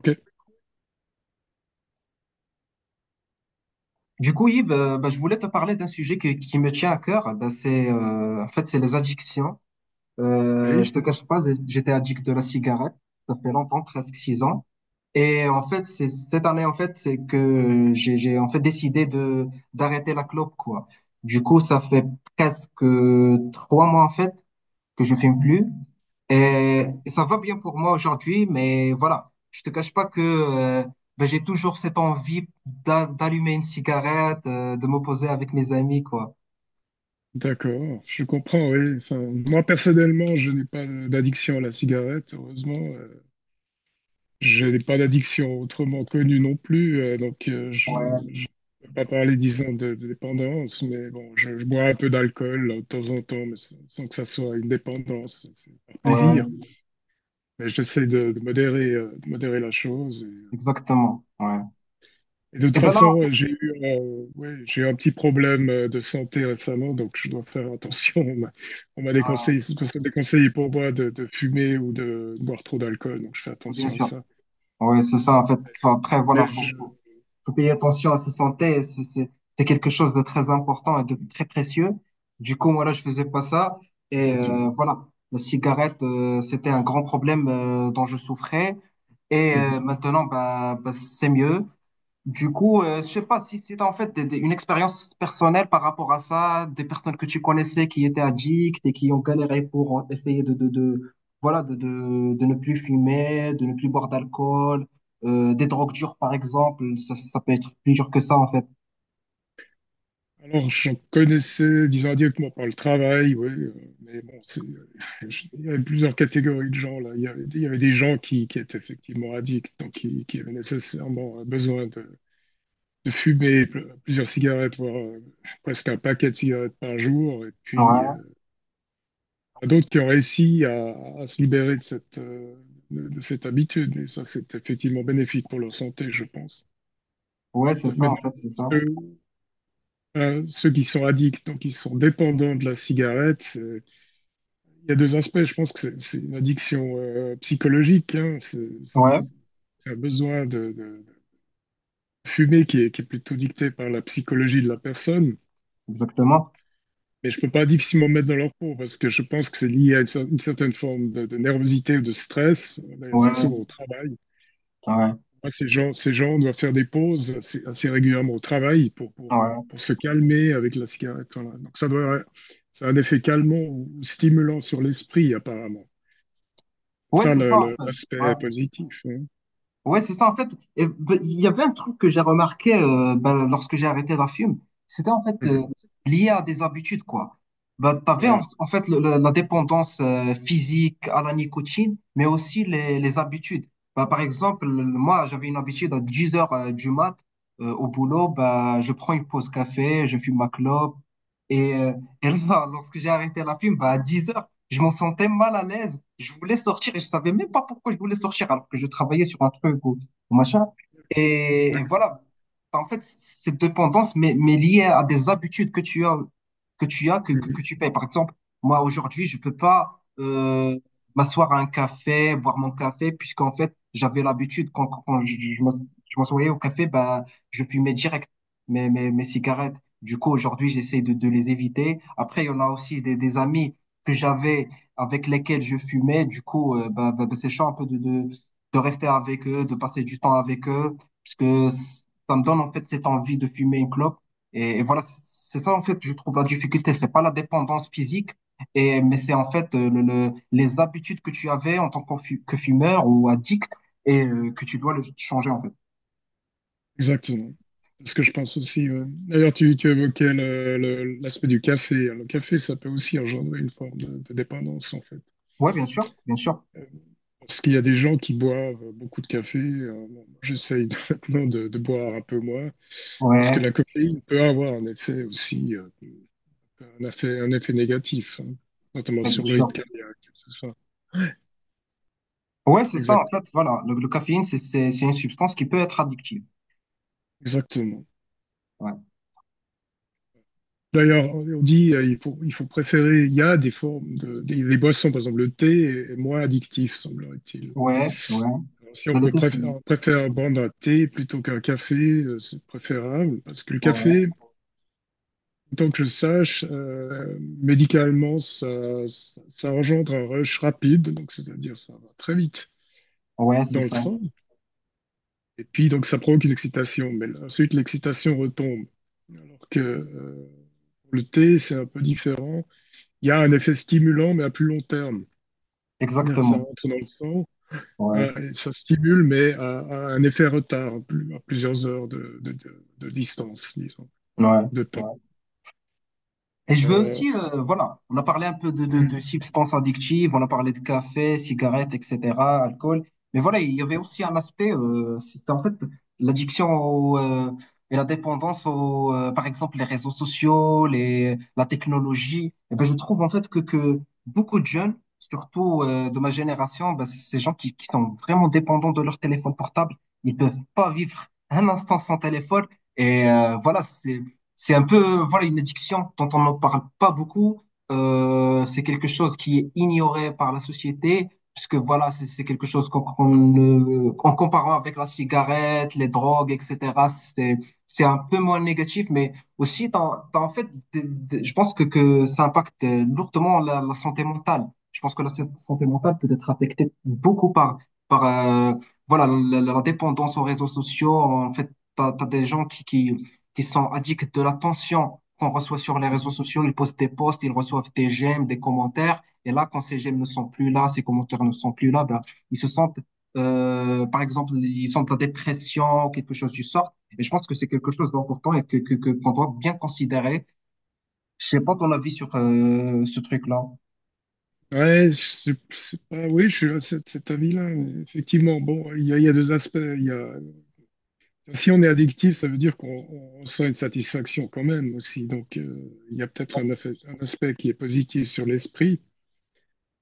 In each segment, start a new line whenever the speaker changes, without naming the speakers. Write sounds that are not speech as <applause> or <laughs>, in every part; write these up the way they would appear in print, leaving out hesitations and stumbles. Ok.
Du coup, Yves, bah, je voulais te parler d'un sujet qui me tient à cœur. Bah, c'est, en fait, c'est les addictions.
Oui,
Je te cache pas, j'étais addict de la cigarette. Ça fait longtemps, presque 6 ans. Et en fait, c'est cette année, en fait, c'est que j'ai en fait décidé de d'arrêter la clope, quoi. Du coup, ça fait presque 3 mois, en fait que je fume plus. Et,
d'accord.
et ça va bien pour moi aujourd'hui, mais voilà, je te cache pas que ben, j'ai toujours cette envie d'allumer une cigarette, de m'opposer avec mes amis, quoi.
D'accord, je comprends, oui. Enfin, moi, personnellement, je n'ai pas d'addiction à la cigarette, heureusement. Je n'ai pas d'addiction autrement connue non plus. Donc, je ne
Ouais,
peux pas parler, disons, de dépendance, mais bon, je bois un peu d'alcool là, de temps en temps, mais sans que ça soit une dépendance. C'est un plaisir.
ouais,
Mais j'essaie de modérer la chose.
exactement. Ouais.
Et de toute
Et ben là, en
façon,
fait,
j'ai eu un petit problème de santé récemment, donc je dois faire attention. <laughs> On m'a déconseillé, surtout ça déconseille pour moi de fumer ou de boire trop d'alcool, donc je fais
ouais, bien
attention à
sûr.
ça.
Oui, c'est ça, en fait. Enfin, après, voilà,
Mais
faut,
je...
faut, faut payer attention à sa santé. C'est quelque chose de très important et de très précieux. Du coup, moi, là, je faisais pas ça. Et
Exactement.
voilà, la cigarette, c'était un grand problème dont je souffrais. Et
Mhm.
maintenant, bah, c'est mieux. Du coup, je sais pas si c'est en fait une expérience personnelle par rapport à ça, des personnes que tu connaissais qui étaient addictes et qui ont galéré pour essayer de voilà de ne plus fumer, de ne plus boire d'alcool, des drogues dures par exemple, ça peut être plus dur que ça en fait.
Alors, j'en connaissais, disons, directement par le travail, oui, mais bon, <laughs> il y avait plusieurs catégories de gens, là. Il y avait des gens qui étaient effectivement addicts, donc qui avaient nécessairement besoin de fumer plusieurs cigarettes, voire presque un paquet de cigarettes par jour. Et puis,
Ouais,
il y en a d'autres qui ont réussi à se libérer de de cette habitude. Et ça, c'est effectivement bénéfique pour leur santé, je pense.
ouais, c'est ça en
Maintenant,
fait, c'est ça.
ceux, ceux qui sont addicts, donc qui sont dépendants de la cigarette, il y a deux aspects. Je pense que c'est une addiction psychologique, hein. C'est c'est-
Ouais,
c'est un besoin de fumer qui est plutôt dicté par la psychologie de la personne.
exactement.
Mais je peux pas difficilement me mettre dans leur peau parce que je pense que c'est lié à une certaine forme de nervosité ou de stress. D'ailleurs, c'est
Ouais,
souvent au travail.
ouais,
Moi, ces gens doivent faire des pauses assez régulièrement au travail
ouais.
pour se calmer avec la cigarette. Voilà. Ça a un effet calmant ou stimulant sur l'esprit, apparemment.
Ouais,
Ça,
c'est ça en fait. Ouais.
l'aspect positif, hein.
Ouais, c'est ça, en fait. Et, ben, il y avait un truc que j'ai remarqué ben, lorsque j'ai arrêté la fume, c'était en fait
Mhm.
lié à des habitudes, quoi. Ben, t'avais en,
Voilà.
en fait la dépendance physique à la nicotine, mais aussi les habitudes. Ben, par exemple, moi, j'avais une habitude à 10 heures du mat au boulot, ben, je prends une pause café, je fume ma clope. Et, euh, et là, <laughs> lorsque j'ai arrêté la fume, ben, à 10 heures je m'en sentais mal à l'aise. Je voulais sortir et je savais même pas pourquoi je voulais sortir alors que je travaillais sur un truc ou machin. Et
D'accord.
voilà. En fait, cette dépendance mais liée à des habitudes que tu as, que, que,
Mhm.
que tu payes. Par exemple, moi, aujourd'hui, je peux pas m'asseoir à un café, boire mon café, puisqu'en fait, j'avais l'habitude, quand je m'assoyais au café, bah, je fumais direct mes cigarettes. Du coup, aujourd'hui, j'essaie de les éviter. Après, il y en a aussi des amis que j'avais, avec lesquels je fumais. Du coup, bah, c'est chaud un peu de rester avec eux, de passer du temps avec eux, parce que ça me donne en fait cette envie de fumer une clope. Et voilà, c'est ça en fait, je trouve la difficulté. C'est pas la dépendance physique, mais c'est en fait les habitudes que tu avais en tant que que fumeur ou addict et que tu dois le changer en fait.
Exactement. C'est ce que je pense aussi, ouais. D'ailleurs, tu évoquais l'aspect du café, hein. Le café, ça peut aussi engendrer une forme de dépendance, en fait.
Ouais, bien sûr, bien sûr.
Euh, Parce qu'il y a des gens qui boivent beaucoup de café. Bon, <laughs> maintenant de boire un peu moins, parce
Ouais,
que la caféine peut avoir un effet aussi, un un effet négatif, hein, notamment
ouais, bien
sur le
sûr.
rythme cardiaque, tout ça.
Ouais, c'est ça en
Exact,
fait, voilà. Le caféine, c'est une substance qui peut être addictive.
exactement.
Ouais,
D'ailleurs, on dit il faut préférer, il y a des formes les boissons, par exemple le thé est moins addictif, semblerait-il.
ouais, ouais.
Alors, si on
De
peut
l'autocine.
on préfère prendre un thé plutôt qu'un café, c'est préférable, parce que le
Ouais,
café, tant que je sache, médicalement, ça engendre un rush rapide, donc c'est-à-dire ça va très vite
ouais, c'est
dans le
ça.
sang, et puis donc ça provoque une excitation, mais ensuite l'excitation retombe. Alors que le thé, c'est un peu différent. Il y a un effet stimulant, mais à plus long terme. C'est-à-dire que ça
Exactement.
rentre dans le sang,
Ouais,
et ça stimule, mais à un effet retard, à plusieurs heures de distance, disons,
ouais.
de temps.
Ouais. Et je veux
Euh,
aussi, voilà, on a parlé un peu de
mm.
substances addictives, on a parlé de café, cigarettes, etc., alcool. Mais voilà, il y avait aussi un aspect, c'était en fait l'addiction au, et la dépendance aux, par exemple, les réseaux sociaux, la technologie. Et ben, je trouve en fait que beaucoup de jeunes, surtout de ma génération, ben, c'est ces gens qui sont vraiment dépendants de leur téléphone portable. Ils peuvent pas vivre un instant sans téléphone. Et voilà, c'est un peu, voilà, une addiction dont on n'en parle pas beaucoup. C'est quelque chose qui est ignoré par la société, puisque voilà, c'est quelque chose qu'on en comparant avec la cigarette, les drogues, etc., c'est, c'est un peu moins négatif, mais aussi, t'as en fait, je pense que ça impacte lourdement la santé mentale. Je pense que la santé mentale peut être affectée beaucoup par voilà, la dépendance aux réseaux sociaux. En fait, t'as des gens qui sont addicts de l'attention qu'on reçoit sur les réseaux sociaux. Ils postent des posts, ils reçoivent des j'aime, des commentaires. Et là, quand ces j'aime ne sont plus là, ces commentaires ne sont plus là, ben, ils se sentent, par exemple, ils sont en dépression, quelque chose du sort. Et je pense que c'est quelque chose d'important et qu'on doit bien considérer. Je sais pas ton avis sur ce truc-là.
ouais, je sais- c'est pas, oui, je suis à cet avis-là. Effectivement, bon, il y a deux aspects. Il y a, si on est addictif, ça veut dire qu'on on ressent une satisfaction quand même aussi. Donc, il y a peut-être un aspect qui est positif sur l'esprit.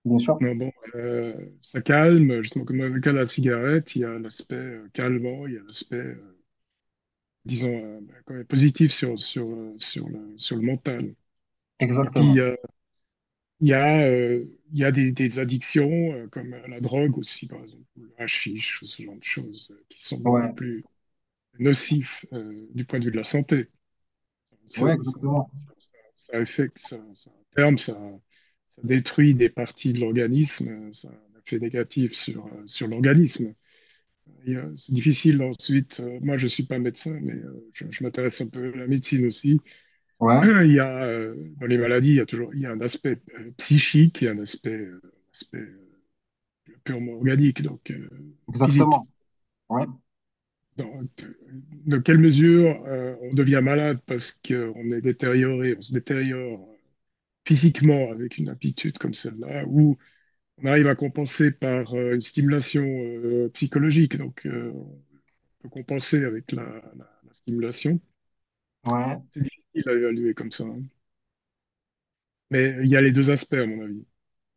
Bien sûr.
Mais bon, ça calme, justement, comme avec la cigarette, il y a l'aspect calmant, il y a l'aspect, ben, quand même positif sur le mental. Et puis,
Exactement.
il y a, euh, il y a des addictions, comme la drogue aussi, par exemple, ou le hashish, ou ce genre de choses, qui sont beaucoup
Ouais.
plus nocifs du point de vue de la santé.
Ouais,
C'est- c'est-
exactement.
ça, ça affecte, ça détruit des parties de l'organisme, ça a un effet négatif sur, sur l'organisme. Et, c'est difficile ensuite. Moi, je suis pas médecin, mais je m'intéresse un peu à la médecine aussi. <clears throat>
Ouais.
Dans les maladies, il y a un aspect psychique et un aspect, aspect, euh, purement organique, donc physique.
Exactement. Ouais.
Dans, dans quelle mesure on devient malade parce qu'on est détérioré, on se détériore physiquement avec une aptitude comme celle-là, ou on arrive à compenser par une stimulation psychologique, donc on peut compenser avec la stimulation.
Ouais.
C'est difficile à évaluer comme ça, hein. Mais il y a les deux aspects, à mon avis.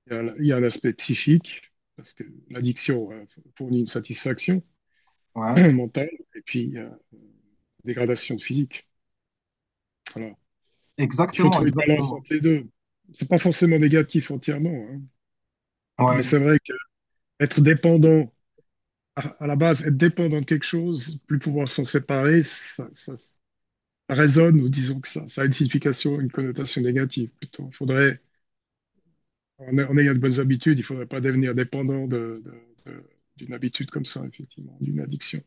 Il y a un aspect psychique, parce que l'addiction fournit une satisfaction <clears throat>
Ouais.
mentale, et puis il y a une dégradation de physique. Voilà. Il faut
Exactement.
trouver une balance
Exactement.
entre les deux. C'est pas forcément négatif entièrement, hein.
Ouais.
Mais c'est vrai qu'être dépendant, à la base, être dépendant de quelque chose, plus pouvoir s'en séparer, ça résonne, ou disons que ça a une signification, une connotation négative plutôt. Faudrait en, en ayant de bonnes habitudes, il ne faudrait pas devenir dépendant d'une habitude comme ça, effectivement, d'une addiction.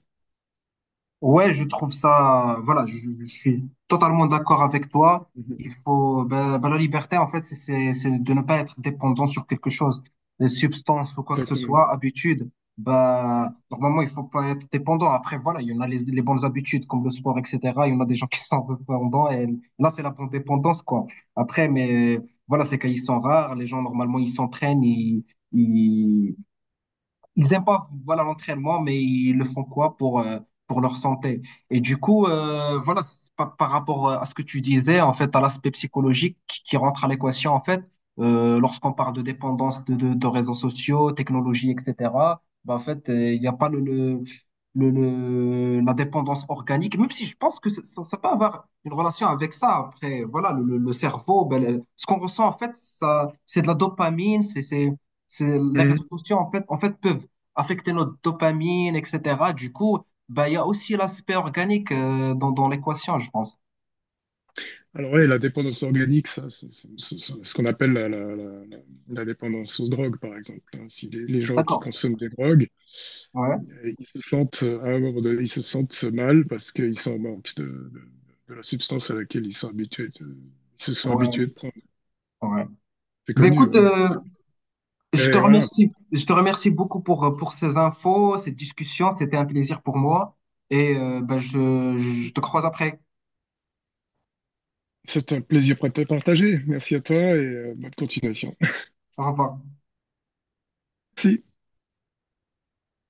Ouais, je trouve ça, voilà, je suis totalement d'accord avec toi.
Mhm.
Il faut, ben, la liberté, en fait, c'est de ne pas être dépendant sur quelque chose, une substance ou quoi que ce
Exactement.
soit, habitude. Ben, normalement, il faut pas être dépendant. Après, voilà, il y en a les bonnes habitudes comme le sport, etc. Il y en a des gens qui sont dépendants et là, c'est la bonne dépendance, quoi. Après, mais voilà, c'est qu'ils sont rares. Les gens, normalement, ils s'entraînent, ils, ils aiment pas voilà l'entraînement, mais ils le font quoi pour leur santé. Et du coup, voilà, c'est par rapport à ce que tu disais, en fait, à l'aspect psychologique qui rentre à l'équation, en fait, lorsqu'on parle de dépendance de réseaux sociaux, technologie, etc. Bah, en fait, il n'y a pas la dépendance organique, même si je pense que ça peut avoir une relation avec ça. Après, voilà, le cerveau, ben, ce qu'on ressent, en fait, ça, c'est de la dopamine, les réseaux
Mhm.
sociaux, en fait, peuvent affecter notre dopamine, etc. Du coup, bah, il y a aussi l'aspect organique dans l'équation, je pense.
Alors oui, la dépendance organique, ça, c'est ce qu'on appelle la dépendance aux drogues, par exemple, hein. Si les gens qui
D'accord.
consomment des drogues,
Ouais,
ils se sentent à un moment donné, ils se sentent mal parce qu'ils sont en manque de la substance à laquelle ils sont habitués, ils se sont habitués de
ouais,
prendre.
ouais.
C'est
Ben
connu,
écoute,
oui.
je te
Mais voilà,
remercie. Je te remercie beaucoup pour ces infos, cette discussion. C'était un plaisir pour moi. Et ben, je te croise après.
c'est un plaisir partagé. Merci à toi et bonne continuation.
Au revoir.
Si,